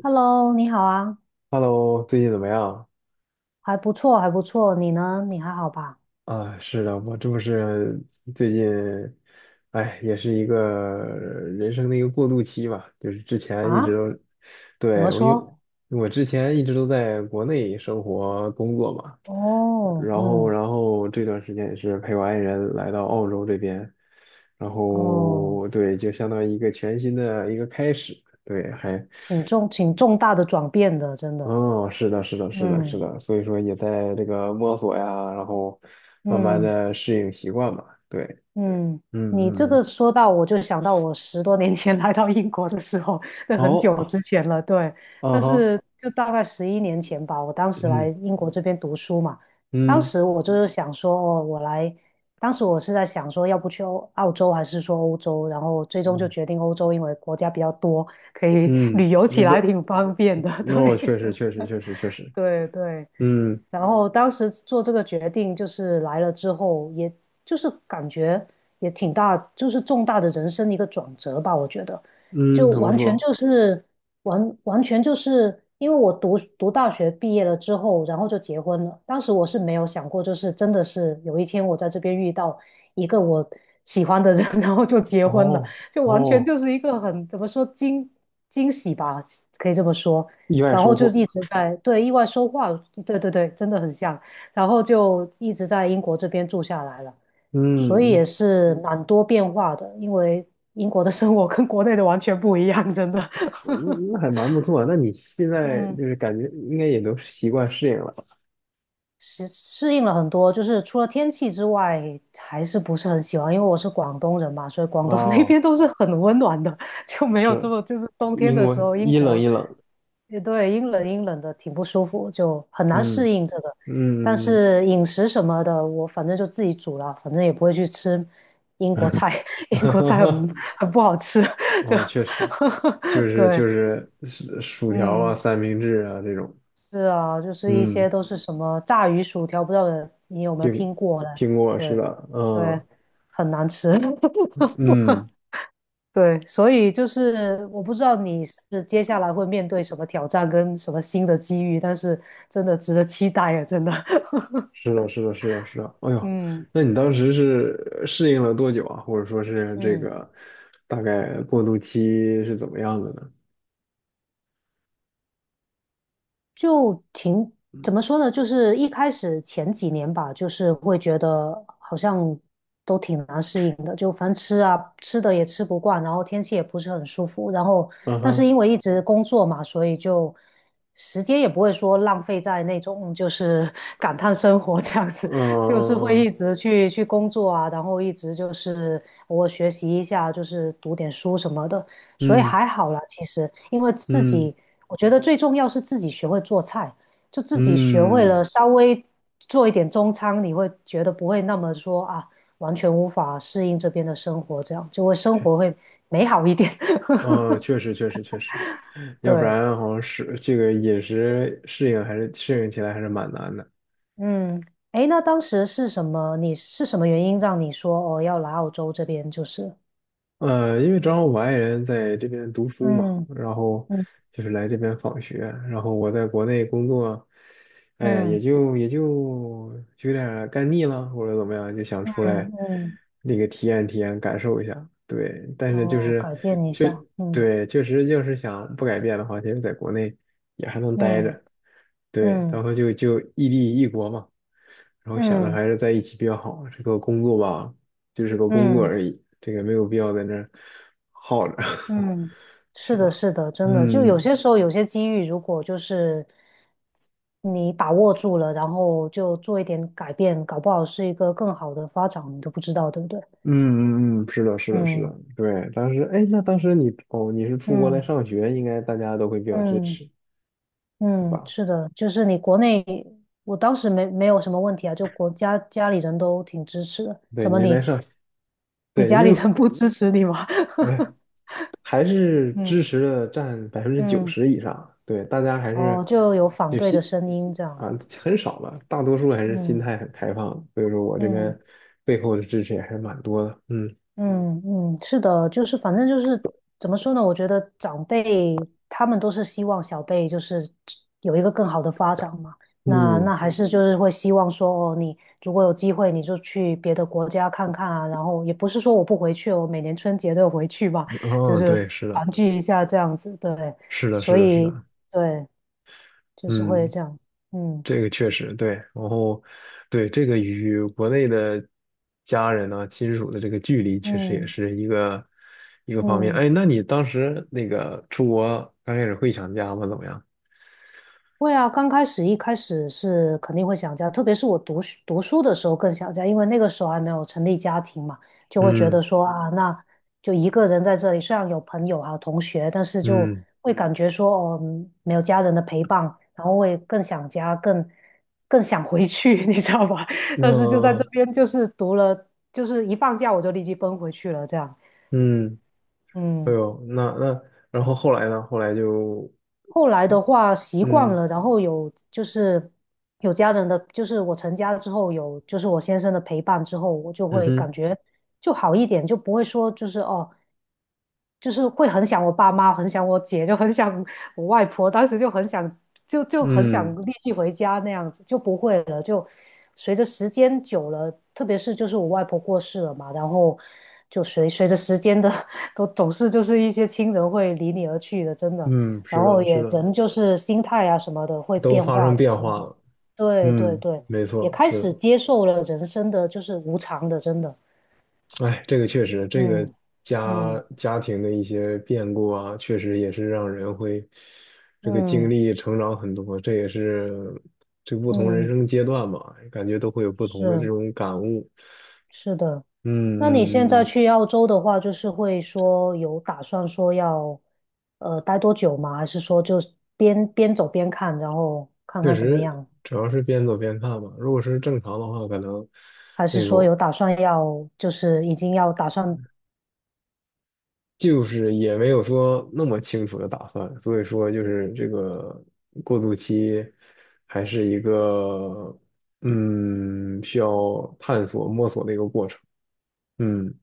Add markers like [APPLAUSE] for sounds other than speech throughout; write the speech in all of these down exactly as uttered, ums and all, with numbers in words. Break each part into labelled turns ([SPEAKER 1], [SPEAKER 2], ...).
[SPEAKER 1] Hello，你好啊，
[SPEAKER 2] Hello，最近怎么样？
[SPEAKER 1] 还不错，还不错。你呢？你还好吧？
[SPEAKER 2] 啊，是的，我这不是最近，哎，也是一个人生的一个过渡期吧。就是之前一直
[SPEAKER 1] 啊？
[SPEAKER 2] 都，
[SPEAKER 1] 怎么
[SPEAKER 2] 对，我有，
[SPEAKER 1] 说？
[SPEAKER 2] 我之前一直都在国内生活工作嘛，
[SPEAKER 1] 哦，
[SPEAKER 2] 然后，
[SPEAKER 1] 嗯，
[SPEAKER 2] 然后这段时间也是陪我爱人来到澳洲这边，然
[SPEAKER 1] 哦，
[SPEAKER 2] 后对，就相当于一个全新的一个开始，对，还
[SPEAKER 1] 挺重，挺重大的转变的，真的。
[SPEAKER 2] 哦，是的，是的，是的，是
[SPEAKER 1] 嗯
[SPEAKER 2] 的，所以说也在这个摸索呀，然后慢慢
[SPEAKER 1] 嗯。
[SPEAKER 2] 的适应习惯吧。对，
[SPEAKER 1] 嗯，你这
[SPEAKER 2] 嗯嗯，
[SPEAKER 1] 个
[SPEAKER 2] 嗯
[SPEAKER 1] 说到，我就想到我十多年前 [LAUGHS] 来到英国的时候，那很久
[SPEAKER 2] 好，
[SPEAKER 1] 之前了，对。
[SPEAKER 2] 啊
[SPEAKER 1] 但
[SPEAKER 2] 哈，
[SPEAKER 1] 是就大概十一年前吧，我当时来
[SPEAKER 2] 嗯
[SPEAKER 1] 英国这边读书嘛，当
[SPEAKER 2] 嗯
[SPEAKER 1] 时我就是想说，哦，我来，当时我是在想说，要不去欧澳洲还是说欧洲，然后最终就
[SPEAKER 2] 嗯
[SPEAKER 1] 决定欧洲，因为国家比较多，可以
[SPEAKER 2] 嗯，
[SPEAKER 1] 旅游
[SPEAKER 2] 那
[SPEAKER 1] 起来
[SPEAKER 2] 都，
[SPEAKER 1] 挺方便的，
[SPEAKER 2] 那我
[SPEAKER 1] 对，
[SPEAKER 2] 确实确实确实确实，
[SPEAKER 1] [LAUGHS] 对对。
[SPEAKER 2] 嗯
[SPEAKER 1] 然后当时做这个决定，就是来了之后，也就是感觉也挺大，就是重大的人生一个转折吧。我觉得，就
[SPEAKER 2] 嗯，怎么
[SPEAKER 1] 完全
[SPEAKER 2] 说？
[SPEAKER 1] 就是完完全就是因为我读读大学毕业了之后，然后就结婚了。当时我是没有想过，就是真的是有一天我在这边遇到一个我喜欢的人，[LAUGHS] 然后就结婚了，
[SPEAKER 2] 哦
[SPEAKER 1] 就完全
[SPEAKER 2] 哦，
[SPEAKER 1] 就是一个很怎么说惊惊喜吧，可以这么说。
[SPEAKER 2] 意外
[SPEAKER 1] 然
[SPEAKER 2] 收
[SPEAKER 1] 后就
[SPEAKER 2] 获，
[SPEAKER 1] 一直在对意外收获，对对对，真的很像，然后就一直在英国这边住下来了，所以
[SPEAKER 2] 嗯，
[SPEAKER 1] 也
[SPEAKER 2] 那
[SPEAKER 1] 是蛮多变化的，因为英国的生活跟国内的完全不一样，真的。[LAUGHS]
[SPEAKER 2] 嗯那还蛮不错。那你现在就
[SPEAKER 1] 嗯
[SPEAKER 2] 是感觉应该也都习惯适应了
[SPEAKER 1] 适适应了很多，就是除了天气之外，还是不是很喜欢。因为我是广东人嘛，所以广东 [LAUGHS] 那
[SPEAKER 2] 哦，
[SPEAKER 1] 边都是很温暖的，[LAUGHS] 就没有这
[SPEAKER 2] 是，
[SPEAKER 1] 么就是冬天
[SPEAKER 2] 因
[SPEAKER 1] 的
[SPEAKER 2] 为
[SPEAKER 1] 时候，英
[SPEAKER 2] 一冷
[SPEAKER 1] 国，
[SPEAKER 2] 一冷，
[SPEAKER 1] 也对，阴冷阴冷的，挺不舒服，就很难
[SPEAKER 2] 嗯。
[SPEAKER 1] 适应这个。但
[SPEAKER 2] 嗯，
[SPEAKER 1] 是饮食什么的，我反正就自己煮了，反正也不会去吃英国菜，[LAUGHS] 英国菜很
[SPEAKER 2] [LAUGHS]
[SPEAKER 1] 很不好吃，就
[SPEAKER 2] 哦，确实，就
[SPEAKER 1] [LAUGHS]
[SPEAKER 2] 是
[SPEAKER 1] 对，
[SPEAKER 2] 就是薯薯条啊、
[SPEAKER 1] 嗯。
[SPEAKER 2] 三明治啊这种，
[SPEAKER 1] 是啊，就是一
[SPEAKER 2] 嗯，
[SPEAKER 1] 些都是什么炸鱼薯条，不知道你有没有
[SPEAKER 2] 听
[SPEAKER 1] 听过呢？
[SPEAKER 2] 听过是的，
[SPEAKER 1] 对，对，
[SPEAKER 2] 嗯
[SPEAKER 1] 很难吃。[LAUGHS]
[SPEAKER 2] 嗯，
[SPEAKER 1] 对，所以就是我不知道你是接下来会面对什么挑战跟什么新的机遇，但是真的值得期待啊，真的。[LAUGHS]
[SPEAKER 2] 是的，是的，是的，是的，哎呦，
[SPEAKER 1] 嗯
[SPEAKER 2] 那你当时是适应了多久啊？或者说是这
[SPEAKER 1] 嗯。
[SPEAKER 2] 个大概过渡期是怎么样的呢？
[SPEAKER 1] 就挺，怎么说呢？就是一开始前几年吧，就是会觉得好像都挺难适应的，就反吃啊吃的也吃不惯，然后天气也不是很舒服，然后
[SPEAKER 2] 嗯
[SPEAKER 1] 但是
[SPEAKER 2] 哼，
[SPEAKER 1] 因为一直工作嘛，所以就时间也不会说浪费在那种就是 [LAUGHS] 感叹生活这样
[SPEAKER 2] 嗯
[SPEAKER 1] 子，[LAUGHS] 就是会
[SPEAKER 2] 嗯
[SPEAKER 1] 一直去去工作啊，然后一直就是我学习一下，就是读点书什么的，所以
[SPEAKER 2] 嗯
[SPEAKER 1] 还好啦，其实因为自
[SPEAKER 2] 嗯嗯嗯。
[SPEAKER 1] 己。我觉得最重要是自己学会做菜，就自己学会
[SPEAKER 2] 嗯
[SPEAKER 1] 了稍微做一点中餐，你会觉得不会那么说啊，完全无法适应这边的生活，这样就会生活会美好一点。[LAUGHS]
[SPEAKER 2] 嗯，确实确实确实，要不
[SPEAKER 1] 对，
[SPEAKER 2] 然好像是这个饮食适应还是适应起来还是蛮难的。
[SPEAKER 1] 嗯，诶，那当时是什么？你是什么原因让你说哦要来澳洲这边？就是，
[SPEAKER 2] 呃，因为正好我爱人在这边读书嘛，
[SPEAKER 1] 嗯
[SPEAKER 2] 然后
[SPEAKER 1] 嗯
[SPEAKER 2] 就是来这边访学，然后我在国内工作，哎呀也
[SPEAKER 1] 嗯
[SPEAKER 2] 就也就就有点儿干腻了，或者怎么样，就想
[SPEAKER 1] 嗯
[SPEAKER 2] 出来
[SPEAKER 1] 嗯，
[SPEAKER 2] 那个体验体验，感受一下。对，但是就
[SPEAKER 1] 哦，
[SPEAKER 2] 是
[SPEAKER 1] 改变一
[SPEAKER 2] 确
[SPEAKER 1] 下，嗯
[SPEAKER 2] 对，确实就是想不改变的话，其实在国内也还能待
[SPEAKER 1] 嗯
[SPEAKER 2] 着。对，
[SPEAKER 1] 嗯
[SPEAKER 2] 然后就就异地异国嘛，然后想着
[SPEAKER 1] 嗯
[SPEAKER 2] 还是在一起比较好。这个工作吧，就是个工作
[SPEAKER 1] 嗯。
[SPEAKER 2] 而已，这个没有必要在那儿耗着，[LAUGHS]
[SPEAKER 1] 嗯，
[SPEAKER 2] 是
[SPEAKER 1] 是的，
[SPEAKER 2] 吧？
[SPEAKER 1] 是的，真的，就有
[SPEAKER 2] 嗯
[SPEAKER 1] 些时候有些机遇，如果就是你把握住了，然后就做一点改变，搞不好是一个更好的发展，你都不知道，对不对？
[SPEAKER 2] 嗯嗯嗯，是的，是的，是的，
[SPEAKER 1] 嗯
[SPEAKER 2] 对。当时，哎，那当时你哦，你是出国来
[SPEAKER 1] 嗯
[SPEAKER 2] 上学，应该大家都会比较支
[SPEAKER 1] 嗯
[SPEAKER 2] 持，对
[SPEAKER 1] 嗯，
[SPEAKER 2] 吧？
[SPEAKER 1] 是的，就是你国内，我当时没没有什么问题啊，就国家家里人都挺支持的，
[SPEAKER 2] 对，
[SPEAKER 1] 怎
[SPEAKER 2] 你
[SPEAKER 1] 么
[SPEAKER 2] 是来
[SPEAKER 1] 你
[SPEAKER 2] 上，
[SPEAKER 1] 你
[SPEAKER 2] 对，
[SPEAKER 1] 家
[SPEAKER 2] 因
[SPEAKER 1] 里
[SPEAKER 2] 为，
[SPEAKER 1] 人不支持你吗？
[SPEAKER 2] 哎还是
[SPEAKER 1] [LAUGHS]
[SPEAKER 2] 支
[SPEAKER 1] 嗯
[SPEAKER 2] 持的占百分之九
[SPEAKER 1] 嗯，
[SPEAKER 2] 十以上，对，大家还
[SPEAKER 1] 哦，
[SPEAKER 2] 是
[SPEAKER 1] 就有反
[SPEAKER 2] 就
[SPEAKER 1] 对的
[SPEAKER 2] 心
[SPEAKER 1] 声音这样，
[SPEAKER 2] 啊很少了，大多数还是心
[SPEAKER 1] 嗯
[SPEAKER 2] 态很开放，所以说我这
[SPEAKER 1] 嗯。
[SPEAKER 2] 边背后的支持也还是蛮多的，嗯
[SPEAKER 1] 嗯嗯，是的，就是反正就是怎么说呢？我觉得长辈他们都是希望小辈就是有一个更好的发展嘛。那
[SPEAKER 2] 嗯，
[SPEAKER 1] 那还是就是会希望说，哦，你如果有机会，你就去别的国家看看啊。然后也不是说我不回去，我每年春节都有回去吧，就
[SPEAKER 2] 哦，
[SPEAKER 1] 是
[SPEAKER 2] 对，是
[SPEAKER 1] 团
[SPEAKER 2] 的，
[SPEAKER 1] 聚一下这样子。对，
[SPEAKER 2] 是的，
[SPEAKER 1] 所
[SPEAKER 2] 是的，是
[SPEAKER 1] 以
[SPEAKER 2] 的，
[SPEAKER 1] 对，就是会
[SPEAKER 2] 嗯，
[SPEAKER 1] 这样。嗯
[SPEAKER 2] 这个确实对，然后对这个与国内的家人呢亲属的这个距离，确实也
[SPEAKER 1] 嗯
[SPEAKER 2] 是一个一个方面。
[SPEAKER 1] 嗯。
[SPEAKER 2] 哎，那你当时那个出国刚开始会想家吗？怎么样？
[SPEAKER 1] 会啊，刚开始一开始是肯定会想家，特别是我读书读书的时候更想家，因为那个时候还没有成立家庭嘛，就会觉
[SPEAKER 2] 嗯。
[SPEAKER 1] 得说啊，那就一个人在这里，虽然有朋友啊同学，但是就
[SPEAKER 2] 嗯，
[SPEAKER 1] 会感觉说哦，嗯没有家人的陪伴，然后会更想家，更更想回去，[LAUGHS] 你知道吧？但是就在这
[SPEAKER 2] 那
[SPEAKER 1] 边，就是读了，就是一放假我就立即奔回去了，这样，
[SPEAKER 2] 嗯，哎
[SPEAKER 1] 嗯。
[SPEAKER 2] 呦，那那，然后后来呢？后来就
[SPEAKER 1] 后来的话习惯
[SPEAKER 2] 嗯
[SPEAKER 1] 了，然后有就是有家人的，就是我成家了之后有就是我先生的陪伴之后，我就
[SPEAKER 2] 嗯
[SPEAKER 1] 会感
[SPEAKER 2] 哼
[SPEAKER 1] 觉就好一点，就不会说就是哦。就是会很想我爸妈，很想我姐，就很想我外婆，当时就很想，就就很想
[SPEAKER 2] 嗯
[SPEAKER 1] 立即回家那样子，就不会了。就随着时间久了，特别是就是我外婆过世了嘛，然后就随随着时间的 [LAUGHS]，都总是就是一些亲人会离你而去的，真的。
[SPEAKER 2] 嗯，
[SPEAKER 1] 然
[SPEAKER 2] 是
[SPEAKER 1] 后
[SPEAKER 2] 的，是
[SPEAKER 1] 也
[SPEAKER 2] 的，
[SPEAKER 1] 人就是心态啊什么的会
[SPEAKER 2] 都
[SPEAKER 1] 变
[SPEAKER 2] 发生
[SPEAKER 1] 化的，
[SPEAKER 2] 变
[SPEAKER 1] 真
[SPEAKER 2] 化
[SPEAKER 1] 的。
[SPEAKER 2] 了。
[SPEAKER 1] 对对
[SPEAKER 2] 嗯，
[SPEAKER 1] 对，
[SPEAKER 2] 没
[SPEAKER 1] 也
[SPEAKER 2] 错，
[SPEAKER 1] 开
[SPEAKER 2] 是
[SPEAKER 1] 始
[SPEAKER 2] 的。
[SPEAKER 1] 接受了人生的就是无常的，真的。
[SPEAKER 2] 哎，这个确实，这个
[SPEAKER 1] 嗯
[SPEAKER 2] 家
[SPEAKER 1] 嗯
[SPEAKER 2] 家庭的一些变故啊，确实也是让人会这个经
[SPEAKER 1] 嗯
[SPEAKER 2] 历成长很多。这也是这不同人
[SPEAKER 1] 嗯。
[SPEAKER 2] 生阶段吧，感觉都会有不同的这
[SPEAKER 1] 是
[SPEAKER 2] 种感悟。
[SPEAKER 1] 是的，
[SPEAKER 2] 嗯
[SPEAKER 1] 那你现
[SPEAKER 2] 嗯嗯。
[SPEAKER 1] 在
[SPEAKER 2] 嗯
[SPEAKER 1] 去澳洲的话，就是会说有打算说要呃待多久吗？还是说就是边边走边看，然后看
[SPEAKER 2] 确
[SPEAKER 1] 看怎么
[SPEAKER 2] 实，
[SPEAKER 1] 样？
[SPEAKER 2] 主要是边走边看吧。如果是正常的话，可能
[SPEAKER 1] 还是
[SPEAKER 2] 那
[SPEAKER 1] 说
[SPEAKER 2] 个
[SPEAKER 1] 有打算要就是已经要打算。
[SPEAKER 2] 就是也没有说那么清楚的打算，所以说就是这个过渡期还是一个嗯需要探索摸索的一个过程。嗯。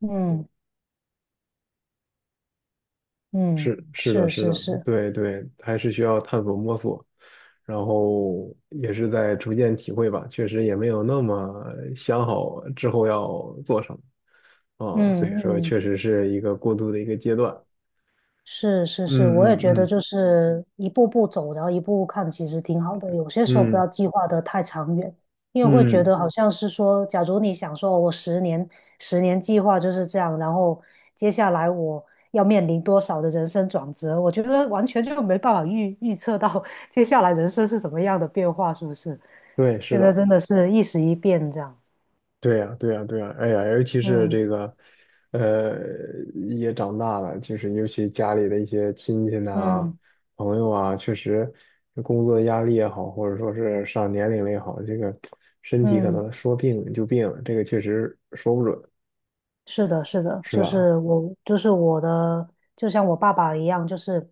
[SPEAKER 1] 嗯嗯。
[SPEAKER 2] 是是的，
[SPEAKER 1] 是
[SPEAKER 2] 是
[SPEAKER 1] 是
[SPEAKER 2] 的，
[SPEAKER 1] 是。
[SPEAKER 2] 对对，还是需要探索摸索，然后也是在逐渐体会吧。确实也没有那么想好之后要做什么啊，所以
[SPEAKER 1] 嗯
[SPEAKER 2] 说
[SPEAKER 1] 嗯。
[SPEAKER 2] 确实是一个过渡的一个阶段。
[SPEAKER 1] 是是
[SPEAKER 2] 嗯
[SPEAKER 1] 是，我也觉
[SPEAKER 2] 嗯
[SPEAKER 1] 得
[SPEAKER 2] 嗯
[SPEAKER 1] 就是一步步走，然后一步步看，其实挺好的。有些时候不
[SPEAKER 2] 嗯
[SPEAKER 1] 要计划的太长远，因为会觉
[SPEAKER 2] 嗯，
[SPEAKER 1] 得好像是说，假如你想说，我十年十年计划就是这样，然后接下来我要面临多少的人生转折，我觉得完全就没办法预预测到 [LAUGHS] 接下来人生是什么样的变化，是不是？
[SPEAKER 2] 对，是
[SPEAKER 1] 现在
[SPEAKER 2] 的。
[SPEAKER 1] 真的是一时一变这样。
[SPEAKER 2] 对呀，对呀，对呀，哎呀，尤其是
[SPEAKER 1] 嗯
[SPEAKER 2] 这个，呃，也长大了，就是尤其家里的一些亲戚呐、
[SPEAKER 1] 嗯
[SPEAKER 2] 朋友啊，确实工作压力也好，或者说是上年龄了也好，这个身体可
[SPEAKER 1] 嗯。
[SPEAKER 2] 能说病就病了，这个确实说不准，
[SPEAKER 1] 是的，是的，
[SPEAKER 2] 是
[SPEAKER 1] 就
[SPEAKER 2] 吧？
[SPEAKER 1] 是我，就是我的，就像我爸爸一样，就是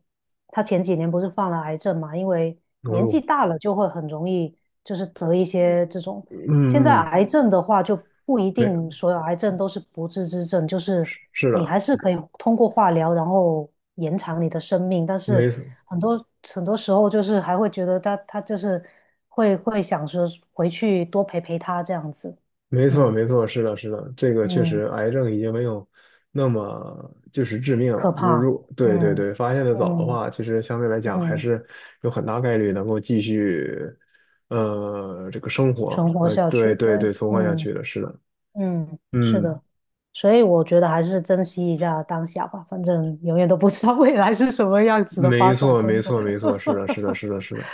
[SPEAKER 1] 他前几年不是犯了癌症嘛，因为
[SPEAKER 2] 哦
[SPEAKER 1] 年纪
[SPEAKER 2] 呦，
[SPEAKER 1] 大了就会很容易就是得一些这种。现在
[SPEAKER 2] 嗯嗯，
[SPEAKER 1] 癌症的话就不一
[SPEAKER 2] 没，
[SPEAKER 1] 定所有癌症都是不治之症，就是
[SPEAKER 2] 是
[SPEAKER 1] 你
[SPEAKER 2] 的，
[SPEAKER 1] 还是可以通过化疗然后延长你的生命，但是
[SPEAKER 2] 没，
[SPEAKER 1] 很多很多时候就是还会觉得他他就是会会想说回去多陪陪他这样子，
[SPEAKER 2] 没错，
[SPEAKER 1] 嗯
[SPEAKER 2] 没错，是的，是的，这个确
[SPEAKER 1] 嗯。
[SPEAKER 2] 实，癌症已经没有那么就是致命了。
[SPEAKER 1] 可
[SPEAKER 2] 就是
[SPEAKER 1] 怕，
[SPEAKER 2] 如对对
[SPEAKER 1] 嗯
[SPEAKER 2] 对，发现的早的
[SPEAKER 1] 嗯
[SPEAKER 2] 话，其实相对来讲还
[SPEAKER 1] 嗯，
[SPEAKER 2] 是有很大概率能够继续，呃，这个生
[SPEAKER 1] 存
[SPEAKER 2] 活，
[SPEAKER 1] 活
[SPEAKER 2] 呃，
[SPEAKER 1] 下
[SPEAKER 2] 对
[SPEAKER 1] 去，
[SPEAKER 2] 对
[SPEAKER 1] 对，
[SPEAKER 2] 对，存活下
[SPEAKER 1] 嗯
[SPEAKER 2] 去的，是的，
[SPEAKER 1] 嗯，是
[SPEAKER 2] 嗯，
[SPEAKER 1] 的，所以我觉得还是珍惜一下当下吧，反正永远都不知道未来是什么样子的发
[SPEAKER 2] 没
[SPEAKER 1] 展，
[SPEAKER 2] 错，没
[SPEAKER 1] 真的。
[SPEAKER 2] 错，没错，是的，是的，
[SPEAKER 1] [LAUGHS]
[SPEAKER 2] 是的，是的，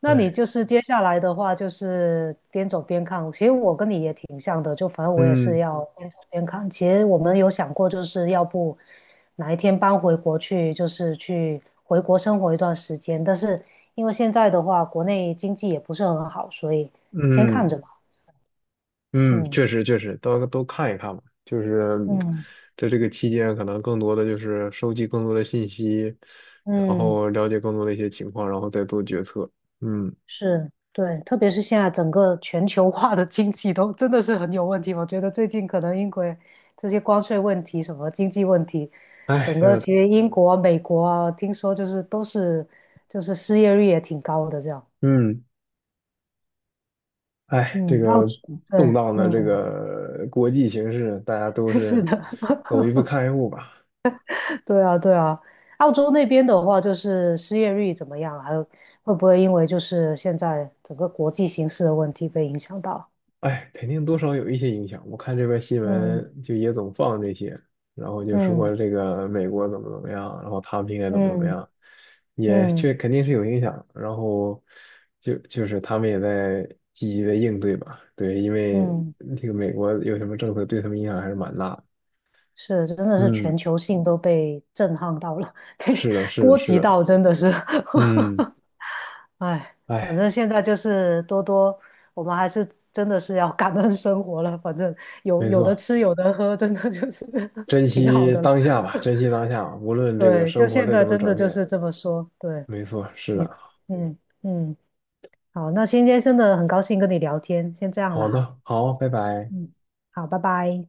[SPEAKER 1] 那你
[SPEAKER 2] 哎，
[SPEAKER 1] 就是接下来的话，就是边走边看。其实我跟你也挺像的，就反正我也是
[SPEAKER 2] 嗯
[SPEAKER 1] 要边走边看。其实我们有想过，就是要不哪一天搬回国去，就是去回国生活一段时间。但是因为现在的话，国内经济也不是很好，所以先看
[SPEAKER 2] 嗯。
[SPEAKER 1] 着吧。
[SPEAKER 2] 嗯，
[SPEAKER 1] 嗯
[SPEAKER 2] 确实确实，都都看一看吧。就是
[SPEAKER 1] 嗯，
[SPEAKER 2] 在这个期间，可能更多的就是收集更多的信息，然
[SPEAKER 1] 嗯，
[SPEAKER 2] 后了解更多的一些情况，然后再做决策。嗯，
[SPEAKER 1] 是，对，特别是现在整个全球化的经济都真的是很有问题。我觉得最近可能英国这些关税问题、什么经济问题，
[SPEAKER 2] 哎
[SPEAKER 1] 整个
[SPEAKER 2] 呀，
[SPEAKER 1] 其实英国啊、美国啊，听说就是都是就是失业率也挺高的这样。
[SPEAKER 2] 嗯，哎，这
[SPEAKER 1] 嗯，澳
[SPEAKER 2] 个
[SPEAKER 1] 洲，
[SPEAKER 2] 动
[SPEAKER 1] 对，
[SPEAKER 2] 荡的这
[SPEAKER 1] 嗯，
[SPEAKER 2] 个国际形势，大家都
[SPEAKER 1] [LAUGHS] 是
[SPEAKER 2] 是
[SPEAKER 1] 的，
[SPEAKER 2] 走一步看一步吧。
[SPEAKER 1] [LAUGHS] 对啊，对啊。澳洲那边的话，就是失业率怎么样？还有会不会因为就是现在整个国际形势的问题被影响到？
[SPEAKER 2] 哎，肯定多少有一些影响。我看这边新
[SPEAKER 1] 嗯
[SPEAKER 2] 闻就也总放这些，然后就
[SPEAKER 1] 嗯
[SPEAKER 2] 说这个美国怎么怎么样，然后他们应该怎么怎么
[SPEAKER 1] 嗯
[SPEAKER 2] 样，也
[SPEAKER 1] 嗯。
[SPEAKER 2] 确肯定是有影响。然后就就是他们也在积极的应对吧，对，因为
[SPEAKER 1] 嗯，
[SPEAKER 2] 这个美国有什么政策对他们影响还是蛮大的
[SPEAKER 1] 是，真的是
[SPEAKER 2] 嗯，
[SPEAKER 1] 全球性都被震撼到了，[LAUGHS] 被
[SPEAKER 2] 是的，是的，
[SPEAKER 1] 波
[SPEAKER 2] 是
[SPEAKER 1] 及
[SPEAKER 2] 的，
[SPEAKER 1] 到，真的是，
[SPEAKER 2] 嗯，
[SPEAKER 1] [LAUGHS] 哎，反
[SPEAKER 2] 哎，
[SPEAKER 1] 正现在就是多多，我们还是真的是要感恩生活了，反正有
[SPEAKER 2] 没
[SPEAKER 1] 有的
[SPEAKER 2] 错，
[SPEAKER 1] 吃，有的喝，真的就是
[SPEAKER 2] 珍
[SPEAKER 1] [LAUGHS] 挺好
[SPEAKER 2] 惜
[SPEAKER 1] 的了
[SPEAKER 2] 当下吧，珍惜当下吧无论这个
[SPEAKER 1] 对，就
[SPEAKER 2] 生活
[SPEAKER 1] 现
[SPEAKER 2] 再
[SPEAKER 1] 在
[SPEAKER 2] 怎么
[SPEAKER 1] 真的
[SPEAKER 2] 转
[SPEAKER 1] 就
[SPEAKER 2] 变，
[SPEAKER 1] 是这么说，对
[SPEAKER 2] 没错，是
[SPEAKER 1] 你，
[SPEAKER 2] 的。
[SPEAKER 1] 嗯嗯，好，那今天真的很高兴跟你聊天，先这样了
[SPEAKER 2] 好
[SPEAKER 1] 哈，
[SPEAKER 2] 的，好，拜拜。
[SPEAKER 1] 嗯，好，拜拜。